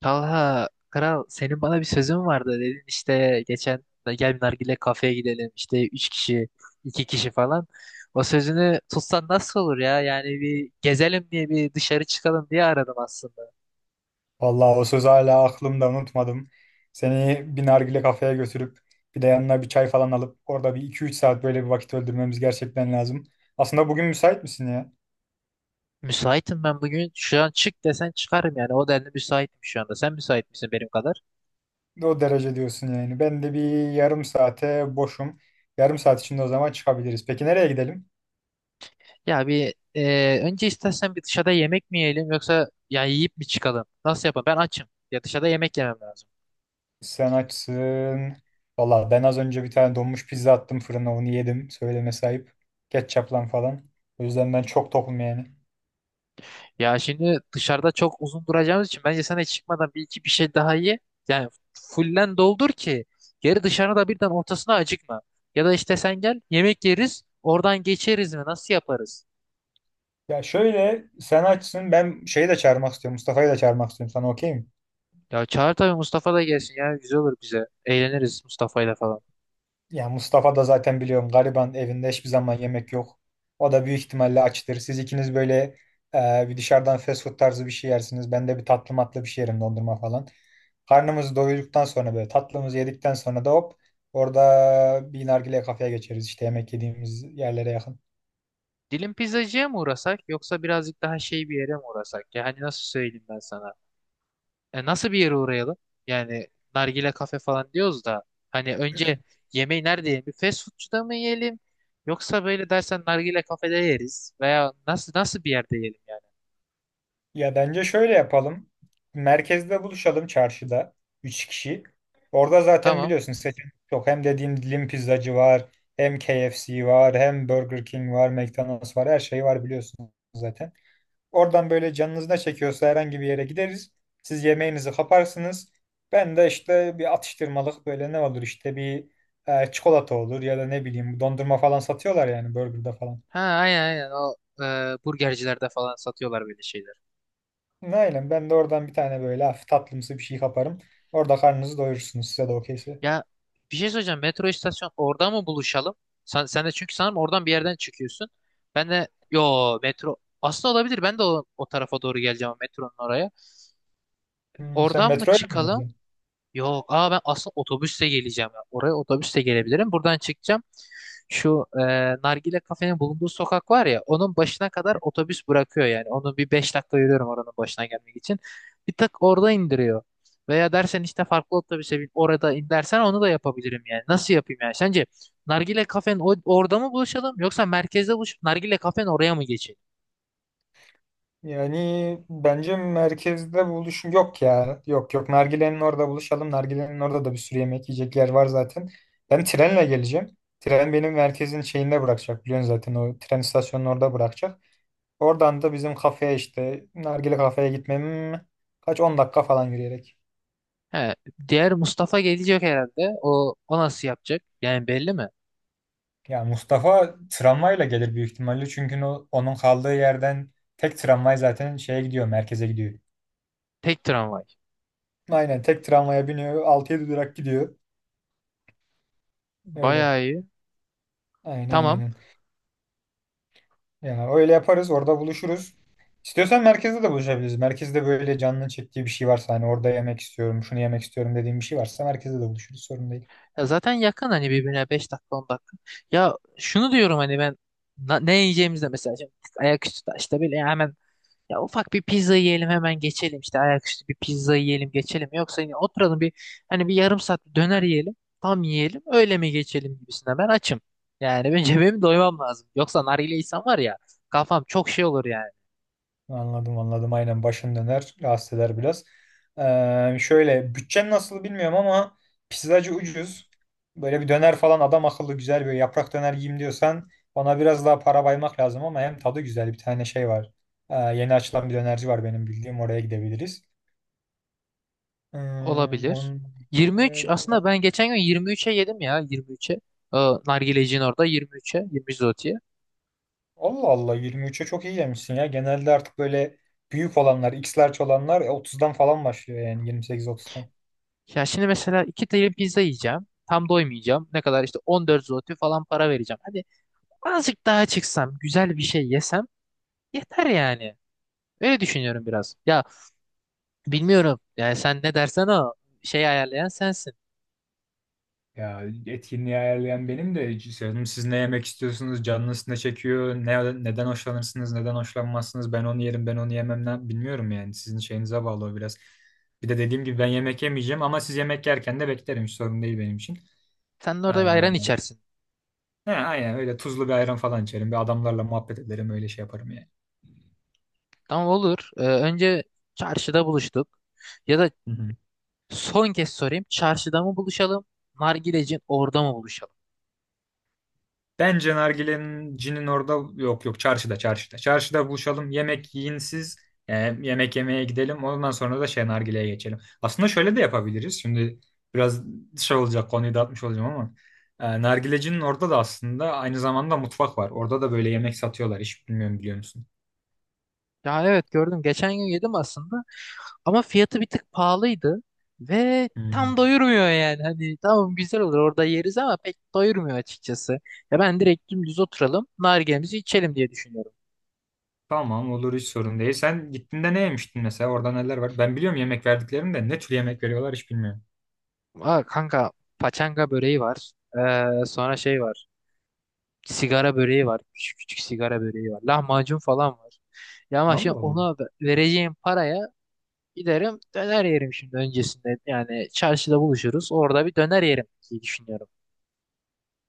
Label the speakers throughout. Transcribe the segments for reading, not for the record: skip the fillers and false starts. Speaker 1: Talha, kral senin bana bir sözün vardı dedin işte geçen de gel bir nargile kafeye gidelim işte üç kişi iki kişi falan. O sözünü tutsan nasıl olur ya yani bir gezelim diye bir dışarı çıkalım diye aradım aslında.
Speaker 2: Vallahi o söz hala aklımda unutmadım. Seni bir nargile kafeye götürüp bir de yanına bir çay falan alıp orada bir iki üç saat böyle bir vakit öldürmemiz gerçekten lazım. Aslında bugün müsait misin ya?
Speaker 1: Müsaitim ben bugün şu an çık desen çıkarım yani o denli müsaitim şu anda sen müsait misin benim kadar?
Speaker 2: O derece diyorsun yani. Ben de bir yarım saate boşum. Yarım saat içinde o zaman çıkabiliriz. Peki nereye gidelim?
Speaker 1: Ya bir önce istersen bir dışarıda yemek mi yiyelim yoksa ya yiyip mi çıkalım nasıl yapalım ben açım ya dışarıda yemek yemem lazım.
Speaker 2: Sen açsın. Vallahi ben az önce bir tane donmuş pizza attım fırına onu yedim. Söyleme sahip. Ketçaplan falan. O yüzden ben çok tokum yani.
Speaker 1: Ya şimdi dışarıda çok uzun duracağımız için bence sen hiç çıkmadan bir iki bir şey daha ye. Yani fullen doldur ki geri dışarıda birden ortasına acıkma. Ya da işte sen gel yemek yeriz oradan geçeriz mi nasıl yaparız?
Speaker 2: Ya şöyle sen açsın ben şeyi de çağırmak istiyorum. Mustafa'yı da çağırmak istiyorum. Sana okey mi?
Speaker 1: Ya çağır tabii Mustafa da gelsin ya güzel olur bize. Eğleniriz Mustafa'yla falan.
Speaker 2: Ya Mustafa da zaten biliyorum gariban evinde hiçbir zaman yemek yok. O da büyük ihtimalle açtır. Siz ikiniz böyle bir dışarıdan fast food tarzı bir şey yersiniz. Ben de bir tatlı matlı bir şey yerim dondurma falan. Karnımızı doyduktan sonra böyle tatlımızı yedikten sonra da hop orada bir nargile kafeye geçeriz. İşte yemek yediğimiz yerlere yakın.
Speaker 1: Dilim pizzacıya mı uğrasak yoksa birazcık daha şey bir yere mi uğrasak? Yani nasıl söyleyeyim ben sana? Nasıl bir yere uğrayalım? Yani nargile kafe falan diyoruz da hani önce yemeği nerede yiyelim? Bir fast foodçuda mı yiyelim? Yoksa böyle dersen nargile kafede yeriz veya nasıl bir yerde yiyelim yani?
Speaker 2: Ya bence şöyle yapalım. Merkezde buluşalım çarşıda. Üç kişi. Orada zaten
Speaker 1: Tamam.
Speaker 2: biliyorsun seçenek çok. Hem dediğim dilim pizzacı var. Hem KFC var. Hem Burger King var. McDonald's var. Her şey var biliyorsun zaten. Oradan böyle canınız ne çekiyorsa herhangi bir yere gideriz. Siz yemeğinizi kaparsınız. Ben de işte bir atıştırmalık böyle ne olur işte bir çikolata olur ya da ne bileyim dondurma falan satıyorlar yani burgerda falan.
Speaker 1: Ha, aynen aynen o burgercilerde falan satıyorlar böyle şeyler.
Speaker 2: Aynen ben de oradan bir tane böyle hafif tatlımsı bir şey kaparım. Orada karnınızı doyurursunuz size de okeyse.
Speaker 1: Ya bir şey söyleyeceğim. Metro istasyon orada mı buluşalım? Sen de çünkü sanırım oradan bir yerden çıkıyorsun. Ben de yo metro aslında olabilir. Ben de o tarafa doğru geleceğim metronun oraya.
Speaker 2: Hmm, sen
Speaker 1: Oradan mı
Speaker 2: metroyla mı
Speaker 1: çıkalım?
Speaker 2: gidiyorsun?
Speaker 1: Yok. Aa, ben aslında otobüsle geleceğim. Ya. Oraya otobüsle gelebilirim. Buradan çıkacağım. Şu nargile kafenin bulunduğu sokak var ya. Onun başına kadar otobüs bırakıyor yani. Onu bir 5 dakika yürüyorum oranın başına gelmek için. Bir tık orada indiriyor. Veya dersen işte farklı otobüse bin orada in dersen onu da yapabilirim yani. Nasıl yapayım yani? Sence nargile kafenin orada mı buluşalım yoksa merkezde buluşup nargile kafenin oraya mı geçelim?
Speaker 2: Yani bence merkezde buluşun yok ya. Yok yok, Nargile'nin orada buluşalım. Nargile'nin orada da bir sürü yemek yiyecek yer var zaten. Ben trenle geleceğim. Tren benim merkezin şeyinde bırakacak biliyorsun zaten, o tren istasyonunun orada bırakacak. Oradan da bizim kafeye işte Nargile kafeye gitmem kaç 10 dakika falan yürüyerek.
Speaker 1: He, diğer Mustafa gelecek herhalde. O nasıl yapacak? Yani belli mi?
Speaker 2: Ya Mustafa tramvayla gelir büyük ihtimalle çünkü onun kaldığı yerden tek tramvay zaten şeye gidiyor, merkeze gidiyor.
Speaker 1: Tek tramvay.
Speaker 2: Aynen tek tramvaya biniyor, 6 yedi durak gidiyor. Öyle.
Speaker 1: Bayağı iyi.
Speaker 2: Aynen
Speaker 1: Tamam.
Speaker 2: aynen. Ya öyle yaparız, orada buluşuruz. İstiyorsan merkezde de buluşabiliriz. Merkezde böyle canının çektiği bir şey varsa, hani orada yemek istiyorum, şunu yemek istiyorum dediğim bir şey varsa merkezde de buluşuruz, sorun değil.
Speaker 1: Ya zaten yakın hani birbirine 5 dakika 10 dakika. Ya şunu diyorum hani ben ne yiyeceğimizde mesela şimdi ayaküstü da işte böyle hemen ya ufak bir pizza yiyelim hemen geçelim işte ayaküstü bir pizza yiyelim geçelim. Yoksa yine oturalım bir hani bir yarım saat bir döner yiyelim tam yiyelim öyle mi geçelim gibisinden ben açım. Yani ben benim doymam lazım. Yoksa nargile insan var ya kafam çok şey olur yani.
Speaker 2: Anladım anladım aynen, başın döner rahatsız eder biraz. Şöyle bütçen nasıl bilmiyorum ama pizzacı ucuz. Böyle bir döner falan adam akıllı güzel böyle yaprak döner yiyeyim diyorsan ona biraz daha para baymak lazım ama hem tadı güzel bir tane şey var. Yeni açılan bir dönerci var benim bildiğim, oraya gidebiliriz. Ee, on,
Speaker 1: Olabilir.
Speaker 2: e,
Speaker 1: 23
Speaker 2: ya
Speaker 1: aslında
Speaker 2: da-
Speaker 1: ben geçen gün 23'e yedim ya 23'e. Ee, Nargileci'nin orada 23'e 23 zloty.
Speaker 2: Allah Allah, 23'e çok iyi yemişsin ya. Genelde artık böyle büyük olanlar, X large olanlar 30'dan falan başlıyor yani 28-30'dan.
Speaker 1: Ya şimdi mesela iki tane pizza yiyeceğim. Tam doymayacağım. Ne kadar işte 14 zloty falan para vereceğim. Hadi azıcık daha çıksam, güzel bir şey yesem yeter yani. Öyle düşünüyorum biraz. Ya bilmiyorum. Yani sen ne dersen o şeyi ayarlayan sensin.
Speaker 2: Ya etkinliği ayarlayan benim de canım, siz ne yemek istiyorsunuz, canınız ne çekiyor, ne, neden hoşlanırsınız, neden hoşlanmazsınız, ben onu yerim, ben onu yemem ne, bilmiyorum yani sizin şeyinize bağlı o biraz. Bir de dediğim gibi ben yemek yemeyeceğim ama siz yemek yerken de beklerim, hiç sorun değil benim için.
Speaker 1: Sen de
Speaker 2: Ee,
Speaker 1: orada bir ayran içersin.
Speaker 2: he, aynen öyle, tuzlu bir ayran falan içerim, bir adamlarla muhabbet ederim, öyle şey yaparım yani.
Speaker 1: Tamam olur. Önce çarşıda buluştuk. Ya da
Speaker 2: Hı hı.
Speaker 1: son kez sorayım. Çarşıda mı buluşalım? Nargilecin orada mı buluşalım?
Speaker 2: Bence nargilencinin orada yok yok, çarşıda çarşıda. Çarşıda buluşalım, yemek yiyin siz, e, yemek yemeye gidelim, ondan sonra da şey, nargileye geçelim. Aslında şöyle de yapabiliriz şimdi, biraz şey olacak konuyu dağıtmış olacağım ama nargilecinin orada da aslında aynı zamanda mutfak var. Orada da böyle yemek satıyorlar, hiç bilmiyorum biliyor musun?
Speaker 1: Ya evet, gördüm. Geçen gün yedim aslında. Ama fiyatı bir tık pahalıydı ve
Speaker 2: Hmm.
Speaker 1: tam doyurmuyor yani. Hani tamam güzel olur orada yeriz ama pek doyurmuyor açıkçası. Ya ben direkt dümdüz oturalım, nargilemizi içelim diye düşünüyorum.
Speaker 2: Tamam olur, hiç sorun değil. Sen gittiğinde ne yemiştin mesela, orada neler var? Ben biliyorum yemek verdiklerini de, ne tür yemek veriyorlar hiç bilmiyorum.
Speaker 1: Aa, kanka, paçanga böreği var. Sonra şey var. Sigara böreği var. Küçük küçük sigara böreği var. Lahmacun falan var. Ya ama
Speaker 2: Vallahi
Speaker 1: şimdi
Speaker 2: bu.
Speaker 1: ona vereceğim paraya giderim döner yerim şimdi öncesinde. Yani çarşıda buluşuruz. Orada bir döner yerim diye düşünüyorum.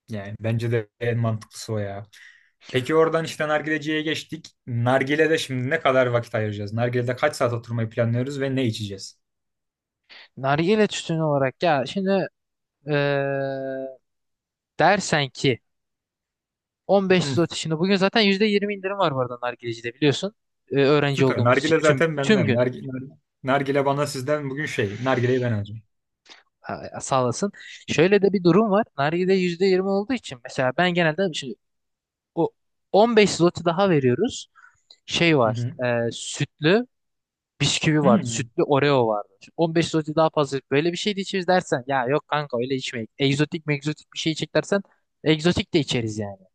Speaker 2: Yani bence de en mantıklısı o ya. Peki oradan işte nargileciye geçtik. Nargile'de şimdi ne kadar vakit ayıracağız? Nargile'de kaç saat oturmayı planlıyoruz ve ne içeceğiz?
Speaker 1: Nargile tütünü olarak ya şimdi eee, dersen ki 15
Speaker 2: Hı,
Speaker 1: zloty şimdi bugün zaten %20 indirim var bu arada nargilecide biliyorsun. Öğrenci
Speaker 2: süper.
Speaker 1: olduğumuz için
Speaker 2: Nargile
Speaker 1: tüm
Speaker 2: zaten
Speaker 1: tüm
Speaker 2: benden.
Speaker 1: gün
Speaker 2: Nargile, nargile bana sizden bugün şey. Nargileyi ben alacağım.
Speaker 1: ha, sağ olasın. Şöyle de bir durum var. Nargile %20 olduğu için mesela ben genelde şimdi o 15 zloty daha veriyoruz. Şey
Speaker 2: Hı
Speaker 1: var.
Speaker 2: hı.
Speaker 1: Sütlü bisküvi vardı.
Speaker 2: Hı.
Speaker 1: Sütlü Oreo vardı. Şimdi 15 zloty daha fazla böyle bir şey de içeriz dersen ya yok kanka öyle içmeyin. Egzotik megzotik bir şey içecek dersen egzotik de içeriz yani.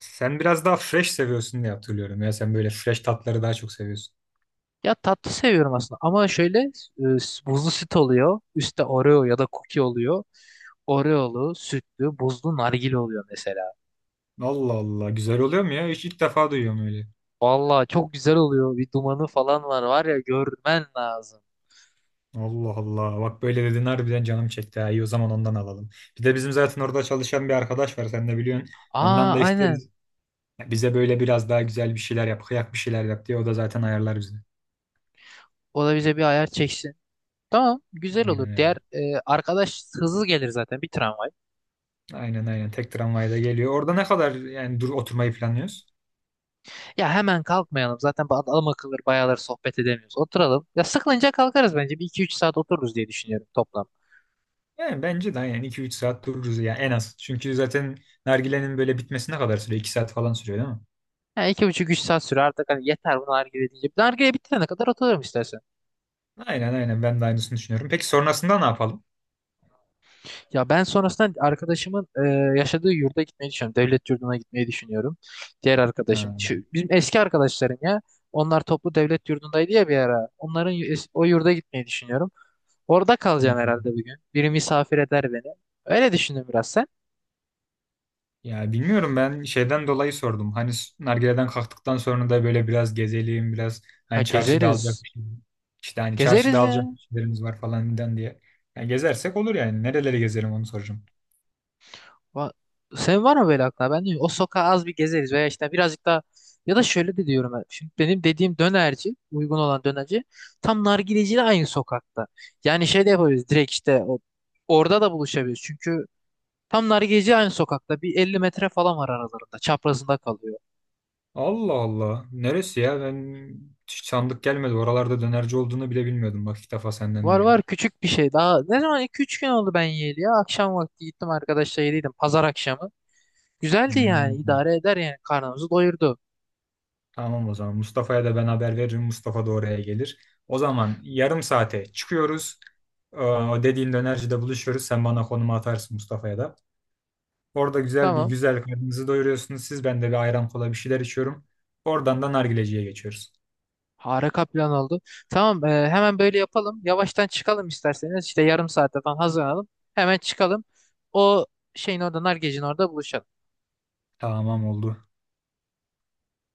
Speaker 2: Sen biraz daha fresh seviyorsun diye hatırlıyorum ya. Sen böyle fresh tatları daha çok seviyorsun.
Speaker 1: Ya tatlı seviyorum aslında ama şöyle buzlu süt oluyor. Üstte Oreo ya da cookie oluyor. Oreo'lu, sütlü, buzlu nargile oluyor mesela.
Speaker 2: Allah Allah. Güzel oluyor mu ya? Hiç ilk defa duyuyorum öyle.
Speaker 1: Vallahi çok güzel oluyor. Bir dumanı falan var ya görmen lazım.
Speaker 2: Allah Allah. Bak böyle dedin harbiden canım çekti. Ha. İyi o zaman ondan alalım. Bir de bizim zaten orada çalışan bir arkadaş var. Sen de biliyorsun.
Speaker 1: Aa,
Speaker 2: Ondan da
Speaker 1: aynen.
Speaker 2: isteriz. Bize böyle biraz daha güzel bir şeyler yap, kıyak bir şeyler yap diye o da zaten ayarlar bizi.
Speaker 1: O da bize bir ayar çeksin. Tamam güzel olur.
Speaker 2: Aynen
Speaker 1: Diğer
Speaker 2: öyle.
Speaker 1: arkadaş hızlı gelir zaten bir tramvay.
Speaker 2: Aynen aynen. Tek tramvayda geliyor. Orada ne kadar yani dur oturmayı planlıyoruz?
Speaker 1: Ya hemen kalkmayalım. Zaten adam akıllı bayağıları sohbet edemiyoruz. Oturalım. Ya sıkılınca kalkarız bence. 1-2-3 saat otururuz diye düşünüyorum toplam.
Speaker 2: Yani bence de aynen iki üç saat dururuz ya en az. Çünkü zaten nargilenin böyle bitmesine kadar sürüyor? İki saat falan sürüyor değil mi?
Speaker 1: Yani 2,5-3 saat sürer artık hani yeter bu nargile deyince. Nargile bitirene kadar otururum istersen.
Speaker 2: Aynen aynen ben de aynısını düşünüyorum. Peki sonrasında ne yapalım?
Speaker 1: Ya ben sonrasında arkadaşımın yaşadığı yurda gitmeyi düşünüyorum. Devlet yurduna gitmeyi düşünüyorum. Diğer
Speaker 2: Ha.
Speaker 1: arkadaşım. Şu, bizim eski arkadaşlarım ya. Onlar toplu devlet yurdundaydı ya bir ara. Onların o yurda gitmeyi düşünüyorum. Orada
Speaker 2: Hı.
Speaker 1: kalacağım herhalde bugün. Biri misafir eder beni. Öyle düşündüm biraz sen.
Speaker 2: Ya bilmiyorum, ben şeyden dolayı sordum. Hani s- nargileden kalktıktan sonra da böyle biraz gezelim, biraz
Speaker 1: Ha,
Speaker 2: hani çarşıda alacak
Speaker 1: gezeriz.
Speaker 2: bir şey. İşte hani çarşıda
Speaker 1: Gezeriz
Speaker 2: alacak
Speaker 1: ya.
Speaker 2: bir şeylerimiz var falan filan diye. Yani gezersek olur yani. Nereleri gezelim onu soracağım.
Speaker 1: Va- Senin var mı böyle aklına? Ben diyorum o sokağa az bir gezeriz veya işte birazcık daha ya da şöyle de diyorum ben. Şimdi benim dediğim dönerci, uygun olan dönerci tam nargileciyle aynı sokakta. Yani şey de yapabiliriz direkt işte orada da buluşabiliriz. Çünkü tam nargileci aynı sokakta. Bir 50 metre falan var aralarında. Çaprazında kalıyor.
Speaker 2: Allah Allah. Neresi ya? Ben hiç sandık gelmedi. Oralarda dönerci olduğunu bile bilmiyordum. Bak ilk defa senden
Speaker 1: Var
Speaker 2: duyuyorum.
Speaker 1: var küçük bir şey. Daha ne zaman 2-3 gün oldu ben yiyeli ya. Akşam vakti gittim arkadaşla yediydim. Pazar akşamı. Güzeldi yani
Speaker 2: Hmm.
Speaker 1: idare eder yani karnımızı doyurdu.
Speaker 2: Tamam o zaman. Mustafa'ya da ben haber veririm. Mustafa da oraya gelir. O zaman yarım saate çıkıyoruz. O dediğin dönercide buluşuyoruz. Sen bana konumu atarsın, Mustafa'ya da. Orada güzel bir
Speaker 1: Tamam.
Speaker 2: güzel karnınızı doyuruyorsunuz siz. Ben de bir ayran kola bir şeyler içiyorum. Oradan da nargileciye geçiyoruz.
Speaker 1: Harika plan oldu. Tamam, hemen böyle yapalım. Yavaştan çıkalım isterseniz. İşte yarım saate falan hazırlanalım. Hemen çıkalım. O şeyin orada, Nargec'in orada buluşalım.
Speaker 2: Tamam oldu.